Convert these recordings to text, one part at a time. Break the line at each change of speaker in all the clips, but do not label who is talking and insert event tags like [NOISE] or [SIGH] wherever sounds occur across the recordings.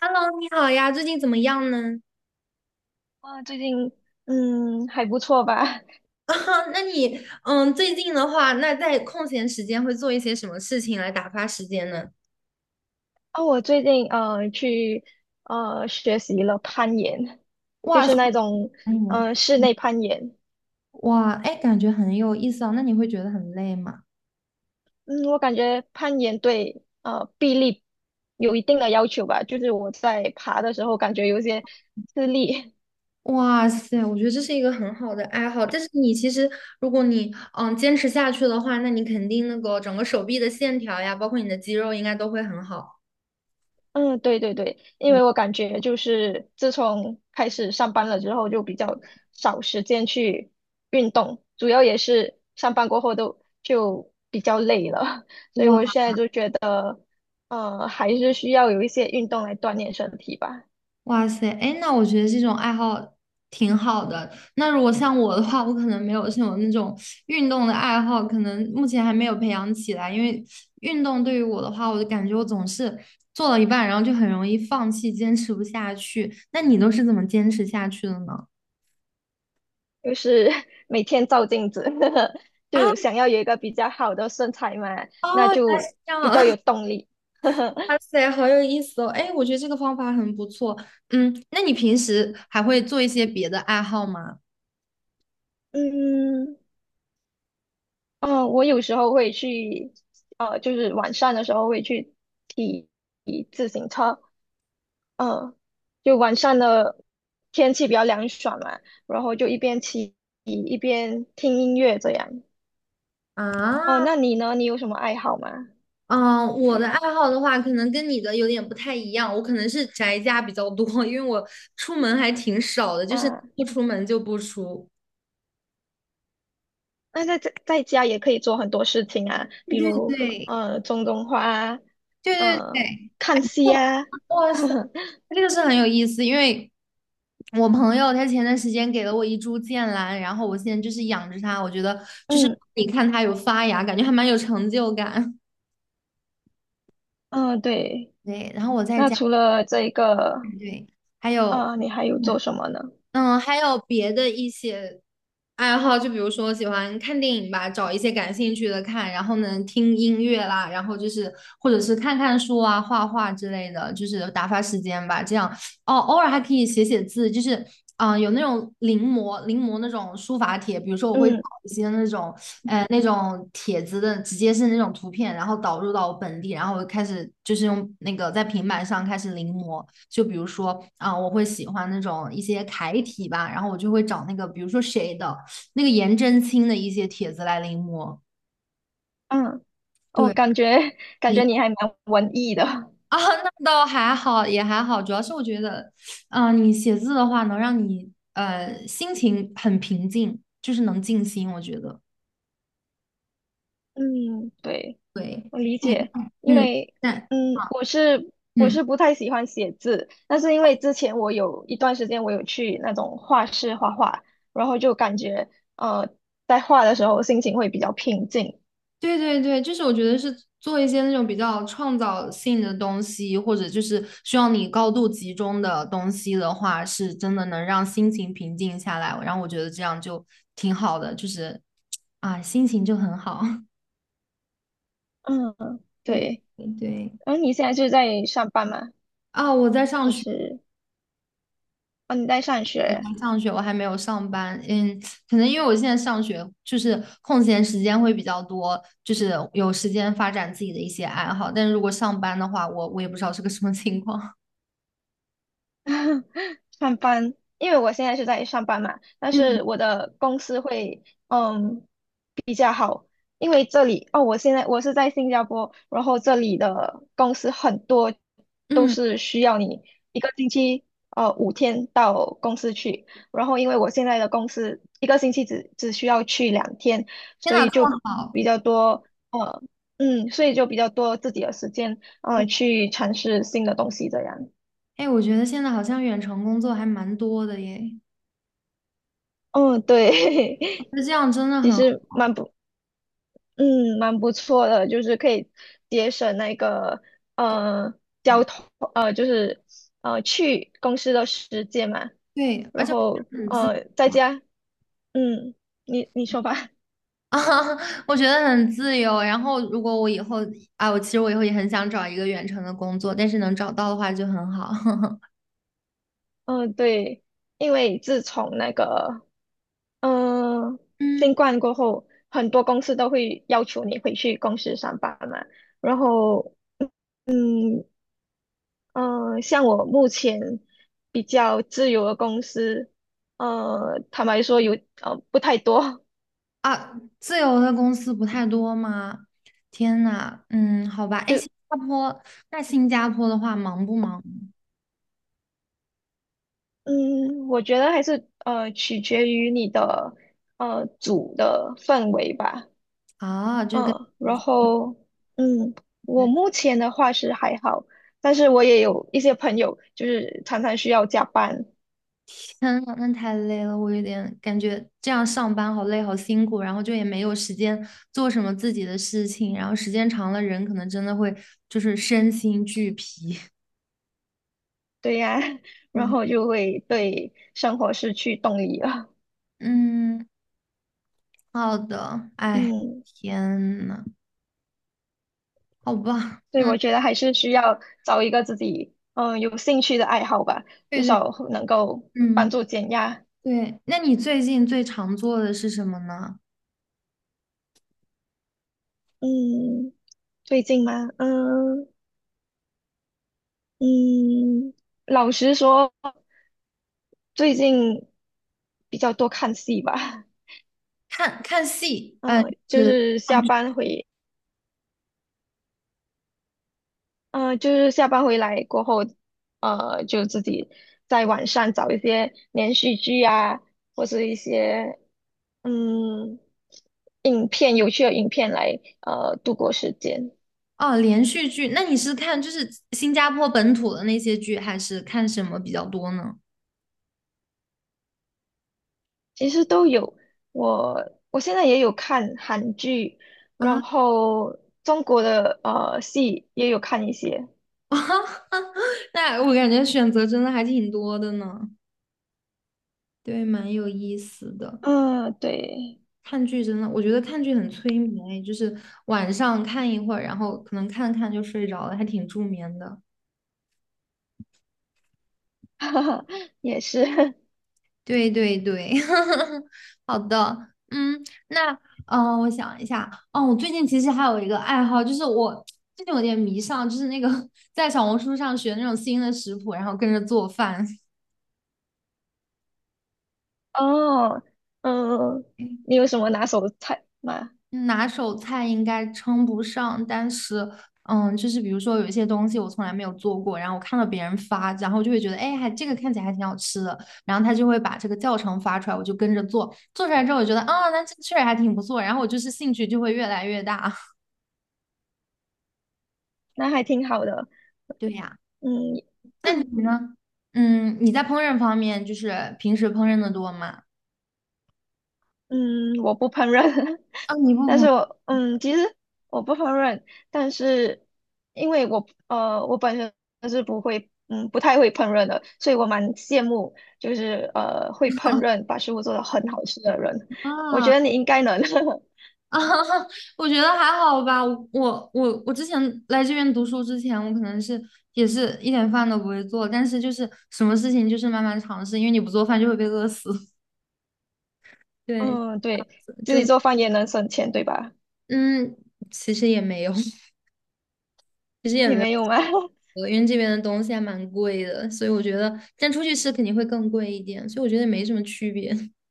Hello，你好呀，最近怎么样呢？
啊，最近还不错吧？[LAUGHS]
[LAUGHS] 啊，那你，最近的话，那在空闲时间会做一些什么事情来打发时间呢？
啊，我最近去学习了攀岩，就
哇
是
说
那种
得很
室内攀岩。
哇，哎，感觉很有意思啊。那你会觉得很累吗？
嗯，我感觉攀岩对臂力有一定的要求吧，就是我在爬的时候感觉有些吃力。[LAUGHS]
哇塞，我觉得这是一个很好的爱好，但是你其实，如果你，坚持下去的话，那你肯定那个整个手臂的线条呀，包括你的肌肉，应该都会很好。
嗯，对对对，因为我感觉就是自从开始上班了之后，就比较少时间去运动，主要也是上班过后都就比较累了，[LAUGHS] 所以我
哇。
现在就觉得，还是需要有一些运动来锻炼身体吧，
哇塞，哎，那我觉得这种爱好挺好的。那如果像我的话，我可能没有像种那种运动的爱好，可能目前还没有培养起来。因为运动对于我的话，我就感觉我总是做到一半，然后就很容易放弃，坚持不下去。那你都是怎么坚持下去的呢？
就是 [LAUGHS] 每天照镜子，[LAUGHS]
啊，
就想要有一个比较好的身材嘛，
哦，
那
原来是
就
这样，
比较
[LAUGHS]
有动力。
哇塞，好有意思哦！哎，我觉得这个方法很不错。嗯，那你平时还会做一些别的爱好吗？
嗯。哦，我有时候会去，就是晚上的时候会去骑骑自行车，嗯，就晚上的天气比较凉爽嘛，然后就一边骑一边听音乐这样。
啊，
哦，那你呢？你有什么爱好吗？
嗯，我的爱好的话，可能跟你的有点不太一样。我可能是宅家比较多，[LAUGHS] 因为我出门还挺少的，就是
啊，
不出门就不出。
那在家也可以做很多事情啊，
对
比
对
如
对
种种花啊，
对对
呃
对，
看戏啊，
哇塞，
[LAUGHS]
这个是很有意思，因为我朋友他前段时间给了我一株剑兰，然后我现在就是养着它，我觉得就是
嗯
你看它有发芽，感觉还蛮有成就感。
嗯，对。
[LAUGHS] 对，然后我在
那
家，
除了这个，
对，还有
啊，你还有做什么呢？
嗯，还有别的一些爱好，就比如说喜欢看电影吧，找一些感兴趣的看，然后呢听音乐啦，然后就是或者是看看书啊、画画之类的，就是打发时间吧。这样哦，偶尔还可以写写字，就是啊，有那种临摹那种书法帖，比如说我会找
嗯。
一些那种那种帖子的，直接是那种图片，然后导入到我本地，然后我开始就是用那个在平板上开始临摹。就比如说啊、我会喜欢那种一些楷体吧，然后我就会找那个，比如说谁的那个颜真卿的一些帖子来临摹。
嗯，哦，
对
感觉感
你
觉你还蛮文艺的。
啊，那倒还好，也还好，主要是我觉得，嗯、你写字的话能让你心情很平静，就是能静心，我觉得。
嗯，对，
对，
我理
你
解，因
嗯，
为
但
嗯，我是我
嗯。
是不太喜欢写字，但是因为之前我有一段时间我有去那种画室画画，然后就感觉呃，在画的时候心情会比较平静。
对对对，就是我觉得是做一些那种比较创造性的东西，或者就是需要你高度集中的东西的话，是真的能让心情平静下来。然后我觉得这样就挺好的，就是啊，心情就很好。[LAUGHS]
嗯，
对
对。
对对，
嗯，你现在是在上班吗？
啊，我在上
还
学，
是哦你在上学？
我还没有上班。嗯，可能因为我现在上学，就是空闲时间会比较多，就是有时间发展自己的一些爱好。但如果上班的话，我也不知道是个什么情况。
上班，因为我现在是在上班嘛，
[LAUGHS]
但
嗯
是我的公司会比较好，因为这里哦，我现在我是在新加坡，然后这里的公司很多都
嗯。
是需要你一个星期五天到公司去，然后因为我现在的公司一个星期只需要去两天，
天
所
呐，
以
这
就
么好！
比较多呃所以就比较多自己的时间去尝试新的东西这样，
哎，我觉得现在好像远程工作还蛮多的耶，
嗯对。[LAUGHS]
那这样真的
其
很好
实蛮不，嗯，蛮不错的，就是可以节省那个呃交
对
通，就是去公司的时间嘛，
对，而
然
且我觉
后
得很自由
在家，嗯，你你说吧，
啊，[LAUGHS] 我觉得很自由。然后，如果我以后啊，我其实我以后也很想找一个远程的工作，但是能找到的话就很好。[LAUGHS]
嗯，对，因为自从那个嗯、呃
嗯
新冠过后，很多公司都会要求你回去公司上班嘛，然后。嗯。嗯，像我目前比较自由的公司，坦白说有不太多，
啊，自由的公司不太多吗？天呐，嗯，好吧。
[LAUGHS]
哎，
就
新加坡，那新加坡的话忙不忙
嗯，我觉得还是取决于你的组的氛围吧，
啊？就跟。
嗯，然后嗯，我目前的话是还好，但是我也有一些朋友就是常常需要加班，
天呐，那太累了，我有点感觉这样上班好累，好辛苦，然后就也没有时间做什么自己的事情，然后时间长了，人可能真的会就是身心俱疲。[LAUGHS]
对呀，[LAUGHS] 然
对，
后就会对生活失去动力了，
嗯，好的，哎，
嗯。
天呐，好吧，
所以
嗯，
我觉得还是需要找一个自己有兴趣的爱好吧，至
对对，
少能够帮
嗯，
助减压。
对，那你最近最常做的是什么呢？
嗯，最近吗？嗯嗯，老实说，最近比较多看戏吧。
看戏，呃，
嗯，就
是
是下班回，嗯，就是下班回来过后，就自己在网上找一些连续剧啊，或者一些嗯，有趣的影片来度过时间，
哦，连续剧，那你是看就是新加坡本土的那些剧，还是看什么比较多呢？
其实都有。我现在也有看韩剧，然
啊。
后中国的戏也有看一些。
[LAUGHS] 那我感觉选择真的还挺多的呢，对，蛮有意思的。
嗯，对，
看剧真的，我觉得看剧很催眠欸，就是晚上看一会儿，然后可能看看就睡着了，还挺助眠的。
[LAUGHS] 哈哈，也是。[LAUGHS]
对对对，[LAUGHS] 好的，嗯，那我想一下，哦，我最近其实还有一个爱好，就是我最近有点迷上，就是那个 [LAUGHS] 在小红书上学那种新的食谱，然后跟着做饭。
哦，嗯，你
[LAUGHS]
有什么拿手的菜吗？
拿手菜应该称不上，但是，嗯，就是比如说有一些东西我从来没有做过，然后我看到别人发，然后就会觉得，哎，还这个看起来还挺好吃的，然后他就会把这个教程发出来，我就跟着做，做出来之后我觉得，啊，那这确实还挺不错，然后我就是兴趣就会越来越大。[LAUGHS]
那还挺好的。
对呀，
嗯，
那你呢？嗯，你在烹饪方面就是平时烹饪的多吗？
嗯，我不烹饪，[LAUGHS]
啊，你不
但是
烹
我嗯，其实我不烹饪，但是因为我我本身是不会不太会烹饪的，所以我蛮羡慕就是会烹饪把食物做得很好吃的人，我觉
啊？
得你应该能，
啊，[LAUGHS] 我觉得还好吧。我之前来这边读书之前，我可能是也是一点饭都不会做，但是就是什么事情就是慢慢尝试，因为你不做饭就会被饿死。[LAUGHS]
[LAUGHS]
对，
嗯，对，自
就
己做饭也能省钱，对吧？
嗯，其实也没有，其实也
也
没
没有吗？[LAUGHS]
有，因为这边的东西还蛮贵的，所以我觉得，但出去吃肯定会更贵一点，所以我觉得也没什么区别。[LAUGHS]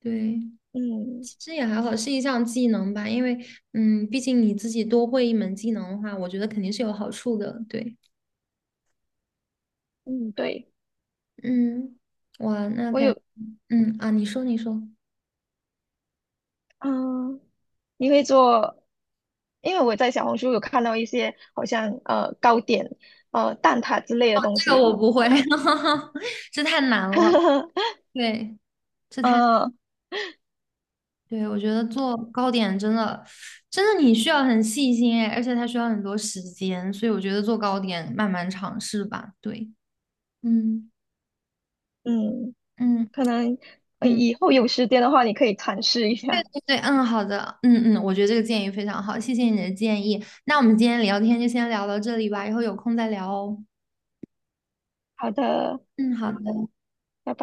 对，
嗯
其实也还好，是一项技能吧，因为嗯，毕竟你自己多会一门技能的话，我觉得肯定是有好处的。对。
嗯，对，
嗯，哇，那
我
感，
有，
嗯啊，你说，
嗯、你会做？因为我在小红书有看到一些好像糕点、蛋挞之类的东
这个
西
我不会，
嘛，
[LAUGHS] 这太难了。
[LAUGHS]
对，这太，
呃
对，我觉得做糕点真的，真的你需要很细心哎，而且它需要很多时间，所以我觉得做糕点慢慢尝试吧。对，嗯
嗯，
嗯
可能
嗯，
以后有时间的话，你可以尝试一
对
下。
对对，嗯，好的，嗯嗯，我觉得这个建议非常好，谢谢你的建议。那我们今天聊天就先聊到这里吧，以后有空再聊哦。
好的。
嗯，好的，
拜拜。